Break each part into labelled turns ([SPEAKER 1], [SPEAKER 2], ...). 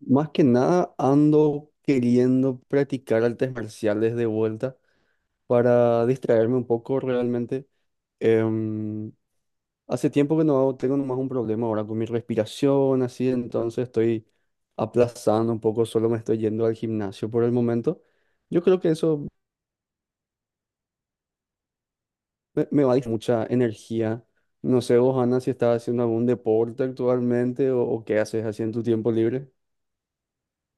[SPEAKER 1] Más que nada ando queriendo practicar artes marciales de vuelta para distraerme un poco realmente. Em, Hace tiempo que no hago- tengo nomás un problema ahora con mi respiración, así, entonces estoy aplazando un poco, solo me estoy yendo al gimnasio por el momento. Yo creo que eso me va a dar mucha energía. No sé vos, Ana, si estás haciendo algún deporte actualmente o qué haces así en tu tiempo libre.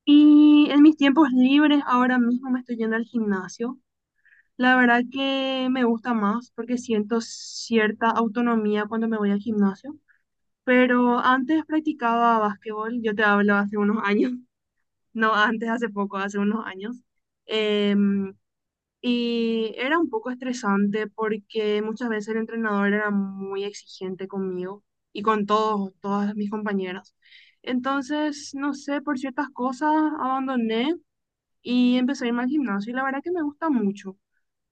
[SPEAKER 2] Y en mis tiempos libres ahora mismo me estoy yendo al gimnasio. La verdad que me gusta más porque siento cierta autonomía cuando me voy al gimnasio. Pero antes practicaba básquetbol, yo te hablo hace unos años, no antes, hace poco, hace unos años. Em, y era un poco estresante porque muchas veces el entrenador era muy exigente conmigo y con todas mis compañeras. Entonces, no sé, por ciertas cosas abandoné y empecé a irme al gimnasio y la verdad que me gusta mucho.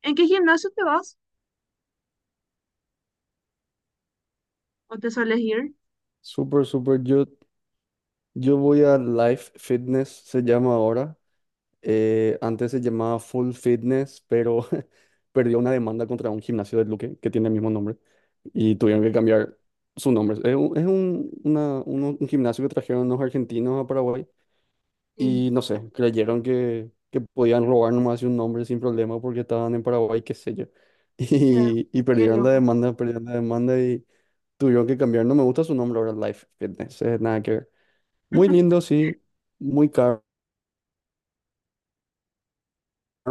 [SPEAKER 2] ¿En qué gimnasio te vas o te sueles ir?
[SPEAKER 1] Súper, súper. Yo voy a Life Fitness, se llama ahora. Antes se llamaba Full Fitness, pero perdió una demanda contra un gimnasio de Luque que tiene el mismo nombre y tuvieron que cambiar su nombre. Es un gimnasio que trajeron los argentinos a Paraguay
[SPEAKER 2] Sí,
[SPEAKER 1] y no sé, creyeron que podían robar nomás un nombre sin problema porque estaban en Paraguay, qué sé yo.
[SPEAKER 2] hija,
[SPEAKER 1] Y
[SPEAKER 2] qué loco.
[SPEAKER 1] perdieron la demanda y tuvieron que cambiar. No me gusta su nombre ahora, Life Fitness, nada que ver. Muy lindo, sí. Muy caro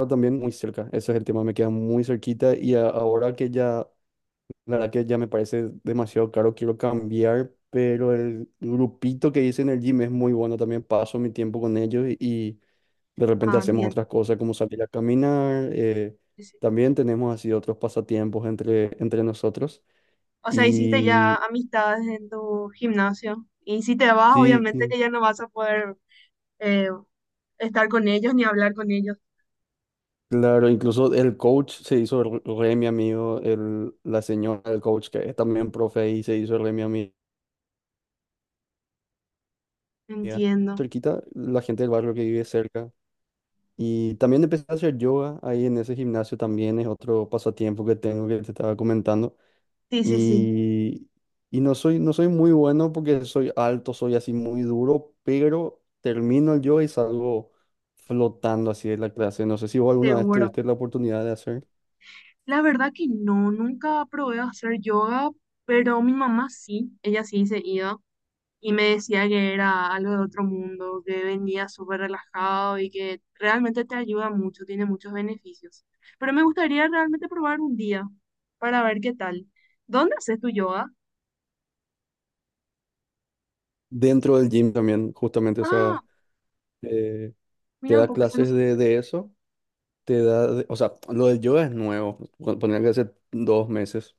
[SPEAKER 1] también, muy cerca. Ese es el tema, me queda muy cerquita y ahora que ya, la verdad que ya me parece demasiado caro, quiero cambiar, pero el grupito que hice en el gym es muy bueno, también paso mi tiempo con ellos y de repente
[SPEAKER 2] Ah,
[SPEAKER 1] hacemos
[SPEAKER 2] entiendo.
[SPEAKER 1] otras cosas como salir a caminar,
[SPEAKER 2] Sí, sí.
[SPEAKER 1] también tenemos así otros pasatiempos entre nosotros
[SPEAKER 2] O sea, hiciste ya
[SPEAKER 1] y
[SPEAKER 2] amistades en tu gimnasio y si te vas,
[SPEAKER 1] sí,
[SPEAKER 2] obviamente
[SPEAKER 1] sí.
[SPEAKER 2] que ya no vas a poder eh, estar con ellos ni hablar con ellos.
[SPEAKER 1] Claro, incluso el coach se hizo re re mi amigo, el, la señora del coach que es también profe y se hizo re mi amiga.
[SPEAKER 2] Entiendo.
[SPEAKER 1] Cerquita, la gente del barrio que vive cerca. Y también empecé a hacer yoga ahí en ese gimnasio también, es otro pasatiempo que tengo que te estaba comentando.
[SPEAKER 2] Sí, sí, sí,
[SPEAKER 1] Y, y no soy muy bueno porque soy alto, soy así muy duro, pero termino el yoga y salgo flotando así de la clase. No sé si vos alguna vez
[SPEAKER 2] seguro.
[SPEAKER 1] tuviste la oportunidad de hacer
[SPEAKER 2] La verdad que no, nunca probé a hacer yoga, pero mi mamá sí, ella sí se iba. Y me decía que era algo de otro mundo, que venía súper relajado y que realmente te ayuda mucho, tiene muchos beneficios. Pero me gustaría realmente probar un día para ver qué tal. ¿Dónde haces tu yoga?
[SPEAKER 1] dentro del gym también, justamente, o
[SPEAKER 2] Ah,
[SPEAKER 1] sea eh, te
[SPEAKER 2] mira un
[SPEAKER 1] da
[SPEAKER 2] poco, se
[SPEAKER 1] clases
[SPEAKER 2] nos...
[SPEAKER 1] de eso, te da, o sea, lo del yoga es nuevo, ponía que hace 2 meses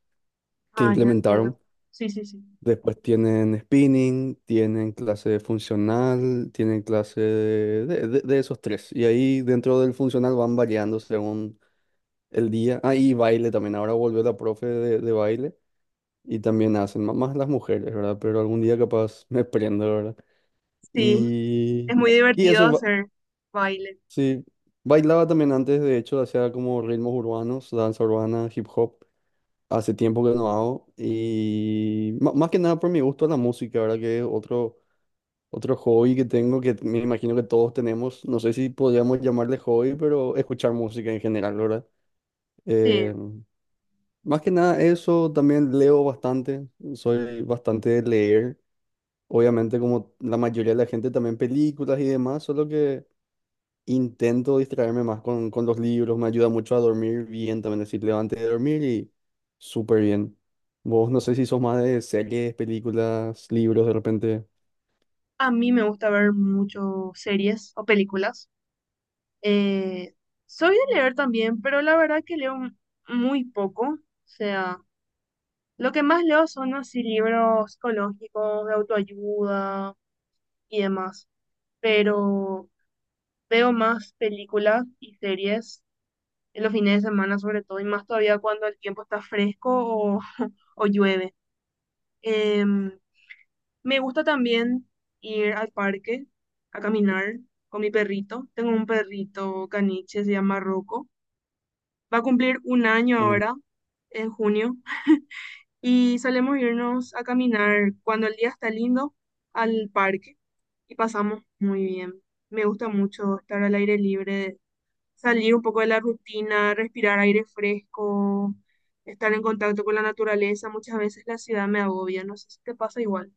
[SPEAKER 1] que
[SPEAKER 2] Ah, ya entiendo.
[SPEAKER 1] implementaron.
[SPEAKER 2] Sí, sí, sí.
[SPEAKER 1] Después tienen spinning, tienen clase funcional, tienen clase de esos tres. Y ahí dentro del funcional van variando según el día. Ah, y baile también. Ahora volvió la profe de baile y también hacen, más las mujeres, ¿verdad? Pero algún día capaz me prendo, ¿verdad?
[SPEAKER 2] Sí, es
[SPEAKER 1] Y,
[SPEAKER 2] muy
[SPEAKER 1] y
[SPEAKER 2] divertido
[SPEAKER 1] eso,
[SPEAKER 2] hacer baile.
[SPEAKER 1] Sí, bailaba también antes, de hecho, hacía como ritmos urbanos, danza urbana, hip hop. Hace tiempo que no hago. Y más que nada por mi gusto a la música, ¿verdad? Que es otro, otro hobby que tengo, que me imagino que todos tenemos. No sé si podríamos llamarle hobby, pero escuchar música en general, ¿verdad?
[SPEAKER 2] Sí,
[SPEAKER 1] Eh, Más que nada eso, también leo bastante, soy bastante de leer. Obviamente, como la mayoría de la gente, también películas y demás, solo que... Intento distraerme más con los libros, me ayuda mucho a dormir bien también, es decir, levante de dormir y súper bien. Vos no sé si sos más de series, películas, libros de repente.
[SPEAKER 2] a mí me gusta ver mucho series o películas. Eh, Soy de leer también, pero la verdad que leo muy poco. O sea, lo que más leo son así libros psicológicos, de autoayuda y demás, pero veo más películas y series en los fines de semana sobre todo, y más todavía cuando el tiempo está fresco o, o llueve. Em, Me gusta también ir al parque a caminar con mi perrito. Tengo un perrito caniche, se llama Rocco. Va a cumplir un año
[SPEAKER 1] Ujú.
[SPEAKER 2] ahora, en junio. Y solemos irnos a caminar cuando el día está lindo al parque y pasamos muy bien. Me gusta mucho estar al aire libre, salir un poco de la rutina, respirar aire fresco, estar en contacto con la naturaleza. Muchas veces la ciudad me agobia, no sé si te pasa igual.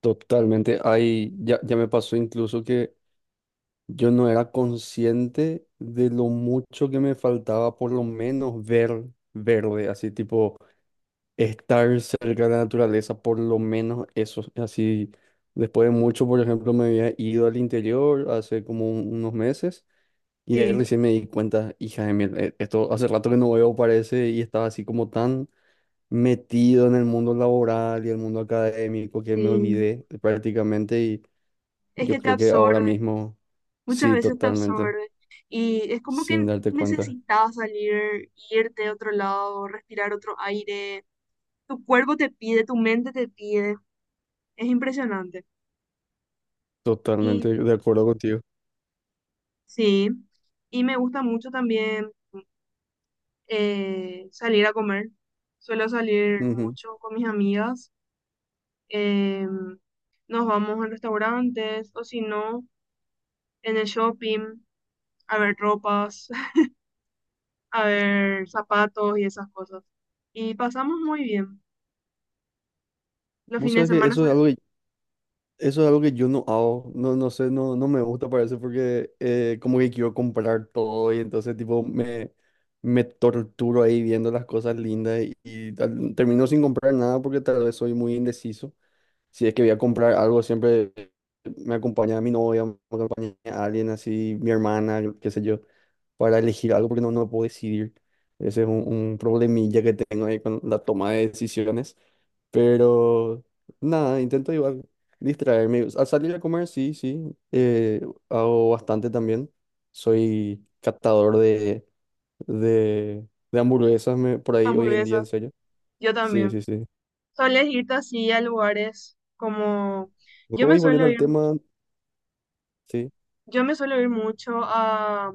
[SPEAKER 1] Totalmente, ahí ya me pasó incluso que yo no era consciente de lo mucho que me faltaba por lo menos ver verde, así tipo estar cerca de la naturaleza, por lo menos eso. Así, después de mucho, por ejemplo, me había ido al interior hace como unos meses y ahí
[SPEAKER 2] Sí,
[SPEAKER 1] recién me di cuenta, hija de mil, esto hace rato que no veo, parece, y estaba así como tan metido en el mundo laboral y el mundo académico que me
[SPEAKER 2] sí,
[SPEAKER 1] olvidé prácticamente y
[SPEAKER 2] es
[SPEAKER 1] yo
[SPEAKER 2] que te
[SPEAKER 1] creo que ahora
[SPEAKER 2] absorbe,
[SPEAKER 1] mismo,
[SPEAKER 2] muchas
[SPEAKER 1] sí,
[SPEAKER 2] veces te
[SPEAKER 1] totalmente,
[SPEAKER 2] absorbe y es como
[SPEAKER 1] sin
[SPEAKER 2] que
[SPEAKER 1] darte cuenta,
[SPEAKER 2] necesitas salir, irte a otro lado, respirar otro aire. Tu cuerpo te pide, tu mente te pide. Es impresionante. Y
[SPEAKER 1] totalmente de acuerdo contigo.
[SPEAKER 2] sí, y me gusta mucho también salir a comer. Suelo salir
[SPEAKER 1] Ujú.
[SPEAKER 2] mucho con mis amigas. eh, Nos vamos a restaurantes o si no, en el shopping, a ver ropas, a ver zapatos y esas cosas. Y pasamos muy bien. Los
[SPEAKER 1] Vos
[SPEAKER 2] fines
[SPEAKER 1] sabés
[SPEAKER 2] de
[SPEAKER 1] que
[SPEAKER 2] semana
[SPEAKER 1] eso
[SPEAKER 2] son
[SPEAKER 1] es algo que eso es algo que yo no hago, no, no sé, no, no me gusta parece porque como que quiero comprar todo y entonces tipo me torturo ahí viendo las cosas lindas y termino sin comprar nada porque tal vez soy muy indeciso. Si es que voy a comprar algo, siempre me acompaña mi novia, me acompaña alguien así, mi hermana, yo qué sé yo, para elegir algo porque no, no puedo decidir. Ese es un problemilla que tengo ahí con la toma de decisiones. Pero nada, intento igual distraerme. Al salir a comer, sí, sí. eh, Hago bastante también. Soy catador de hamburguesas por ahí hoy en día, en
[SPEAKER 2] hamburguesas.
[SPEAKER 1] serio.
[SPEAKER 2] Yo
[SPEAKER 1] Sí, sí,
[SPEAKER 2] también.
[SPEAKER 1] sí.
[SPEAKER 2] ¿Sueles irte así a lugares como...? Yo me
[SPEAKER 1] Hoy volviendo
[SPEAKER 2] suelo
[SPEAKER 1] al
[SPEAKER 2] ir,
[SPEAKER 1] tema, sí.
[SPEAKER 2] yo me suelo ir mucho a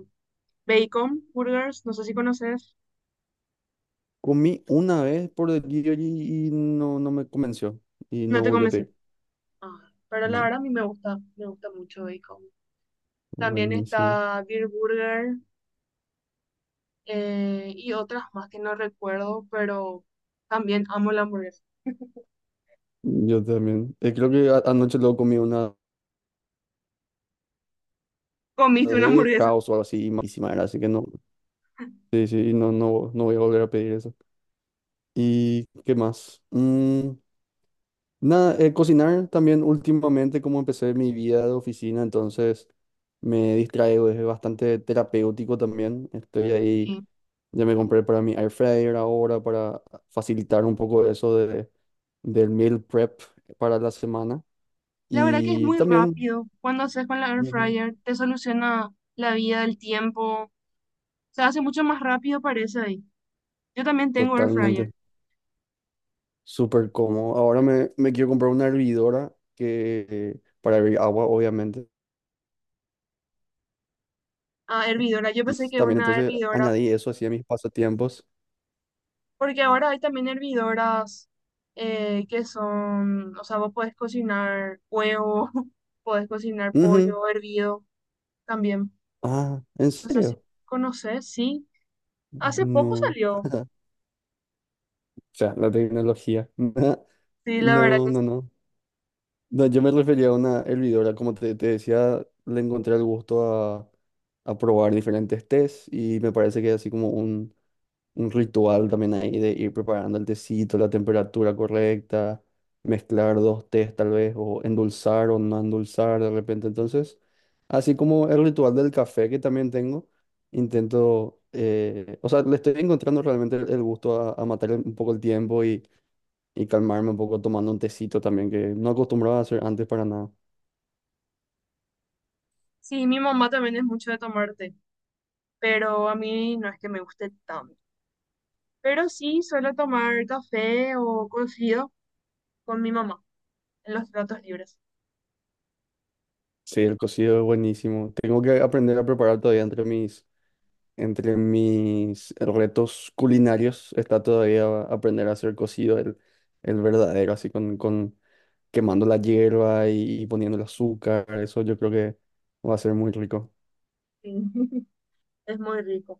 [SPEAKER 2] Bacon Burgers, no sé si conoces,
[SPEAKER 1] Comí una vez por delivery y no, no me convenció. Y
[SPEAKER 2] no
[SPEAKER 1] no
[SPEAKER 2] te
[SPEAKER 1] volví a
[SPEAKER 2] convenció.
[SPEAKER 1] pedir.
[SPEAKER 2] Ah, pero la
[SPEAKER 1] No,
[SPEAKER 2] verdad a mí me gusta mucho bacon. También
[SPEAKER 1] buenísimo.
[SPEAKER 2] está Beer Burger, y otras más que no recuerdo, pero también amo la hamburguesa.
[SPEAKER 1] Yo también. Creo que anoche luego comí una
[SPEAKER 2] Comiste una
[SPEAKER 1] de
[SPEAKER 2] hamburguesa.
[SPEAKER 1] caos o algo así, malísima era, así que no. Sí, sí, y no, no, no voy a volver a pedir eso. ¿Y qué más? Nada, cocinar también últimamente, como empecé mi vida de oficina, entonces me distraigo, es bastante terapéutico también. Estoy ahí,
[SPEAKER 2] Sí.
[SPEAKER 1] ya me compré para mi air fryer ahora para facilitar un poco eso de, del meal prep para la semana.
[SPEAKER 2] La verdad que es
[SPEAKER 1] Y
[SPEAKER 2] muy
[SPEAKER 1] también,
[SPEAKER 2] rápido. Cuando haces con la air
[SPEAKER 1] ujú,
[SPEAKER 2] fryer, te soluciona la vida, el tiempo. Se hace mucho más rápido, parece ahí. Yo también tengo air fryer.
[SPEAKER 1] totalmente, súper cómodo. Ahora me quiero comprar una hervidora que, para hervir agua, obviamente.
[SPEAKER 2] Ah, hervidora, yo
[SPEAKER 1] Y
[SPEAKER 2] pensé que
[SPEAKER 1] también
[SPEAKER 2] una
[SPEAKER 1] entonces
[SPEAKER 2] hervidora...
[SPEAKER 1] añadí eso así a mis pasatiempos.
[SPEAKER 2] Porque ahora hay también hervidoras que son, o sea, vos podés cocinar huevo, podés cocinar
[SPEAKER 1] Ujú.
[SPEAKER 2] pollo hervido también.
[SPEAKER 1] Ah, ¿en
[SPEAKER 2] No sé si
[SPEAKER 1] serio?
[SPEAKER 2] conoces, sí. Hace poco
[SPEAKER 1] No. O
[SPEAKER 2] salió.
[SPEAKER 1] sea, la tecnología.
[SPEAKER 2] Sí, la verdad
[SPEAKER 1] No,
[SPEAKER 2] que sí.
[SPEAKER 1] no, no. No, yo me refería a una hervidora, como te decía, le encontré el gusto a probar diferentes tés y me parece que es así como un ritual también ahí de ir preparando el tecito, la temperatura correcta, mezclar dos tés tal vez, o endulzar o no endulzar de repente. Entonces... Así como el ritual del café que también tengo, intento, o sea, le estoy encontrando realmente el gusto a matar un poco el tiempo y calmarme un poco tomando un tecito también, que no acostumbraba a hacer antes para nada.
[SPEAKER 2] Sí, mi mamá también es mucho de tomar té, pero a mí no es que me guste tanto. Pero sí, suelo tomar café o cocido con mi mamá en los ratos libres.
[SPEAKER 1] Sí, el cocido es buenísimo. Tengo que aprender a preparar todavía entre mis retos culinarios. Está todavía aprender a hacer cocido el verdadero, así con quemando la hierba y poniendo el azúcar. Eso yo creo que va a ser muy rico.
[SPEAKER 2] Sí, es muy rico.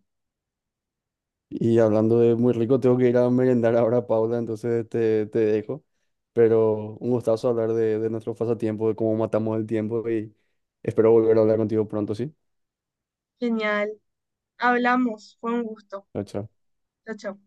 [SPEAKER 1] Y hablando de muy rico, tengo que ir a merendar ahora, Paula, entonces te dejo. Pero un gustazo hablar de nuestro pasatiempo, de cómo matamos el tiempo y espero volver a hablar contigo pronto, ¿sí?
[SPEAKER 2] Genial. Hablamos, fue un gusto.
[SPEAKER 1] Chao, chao.
[SPEAKER 2] Chao, chao.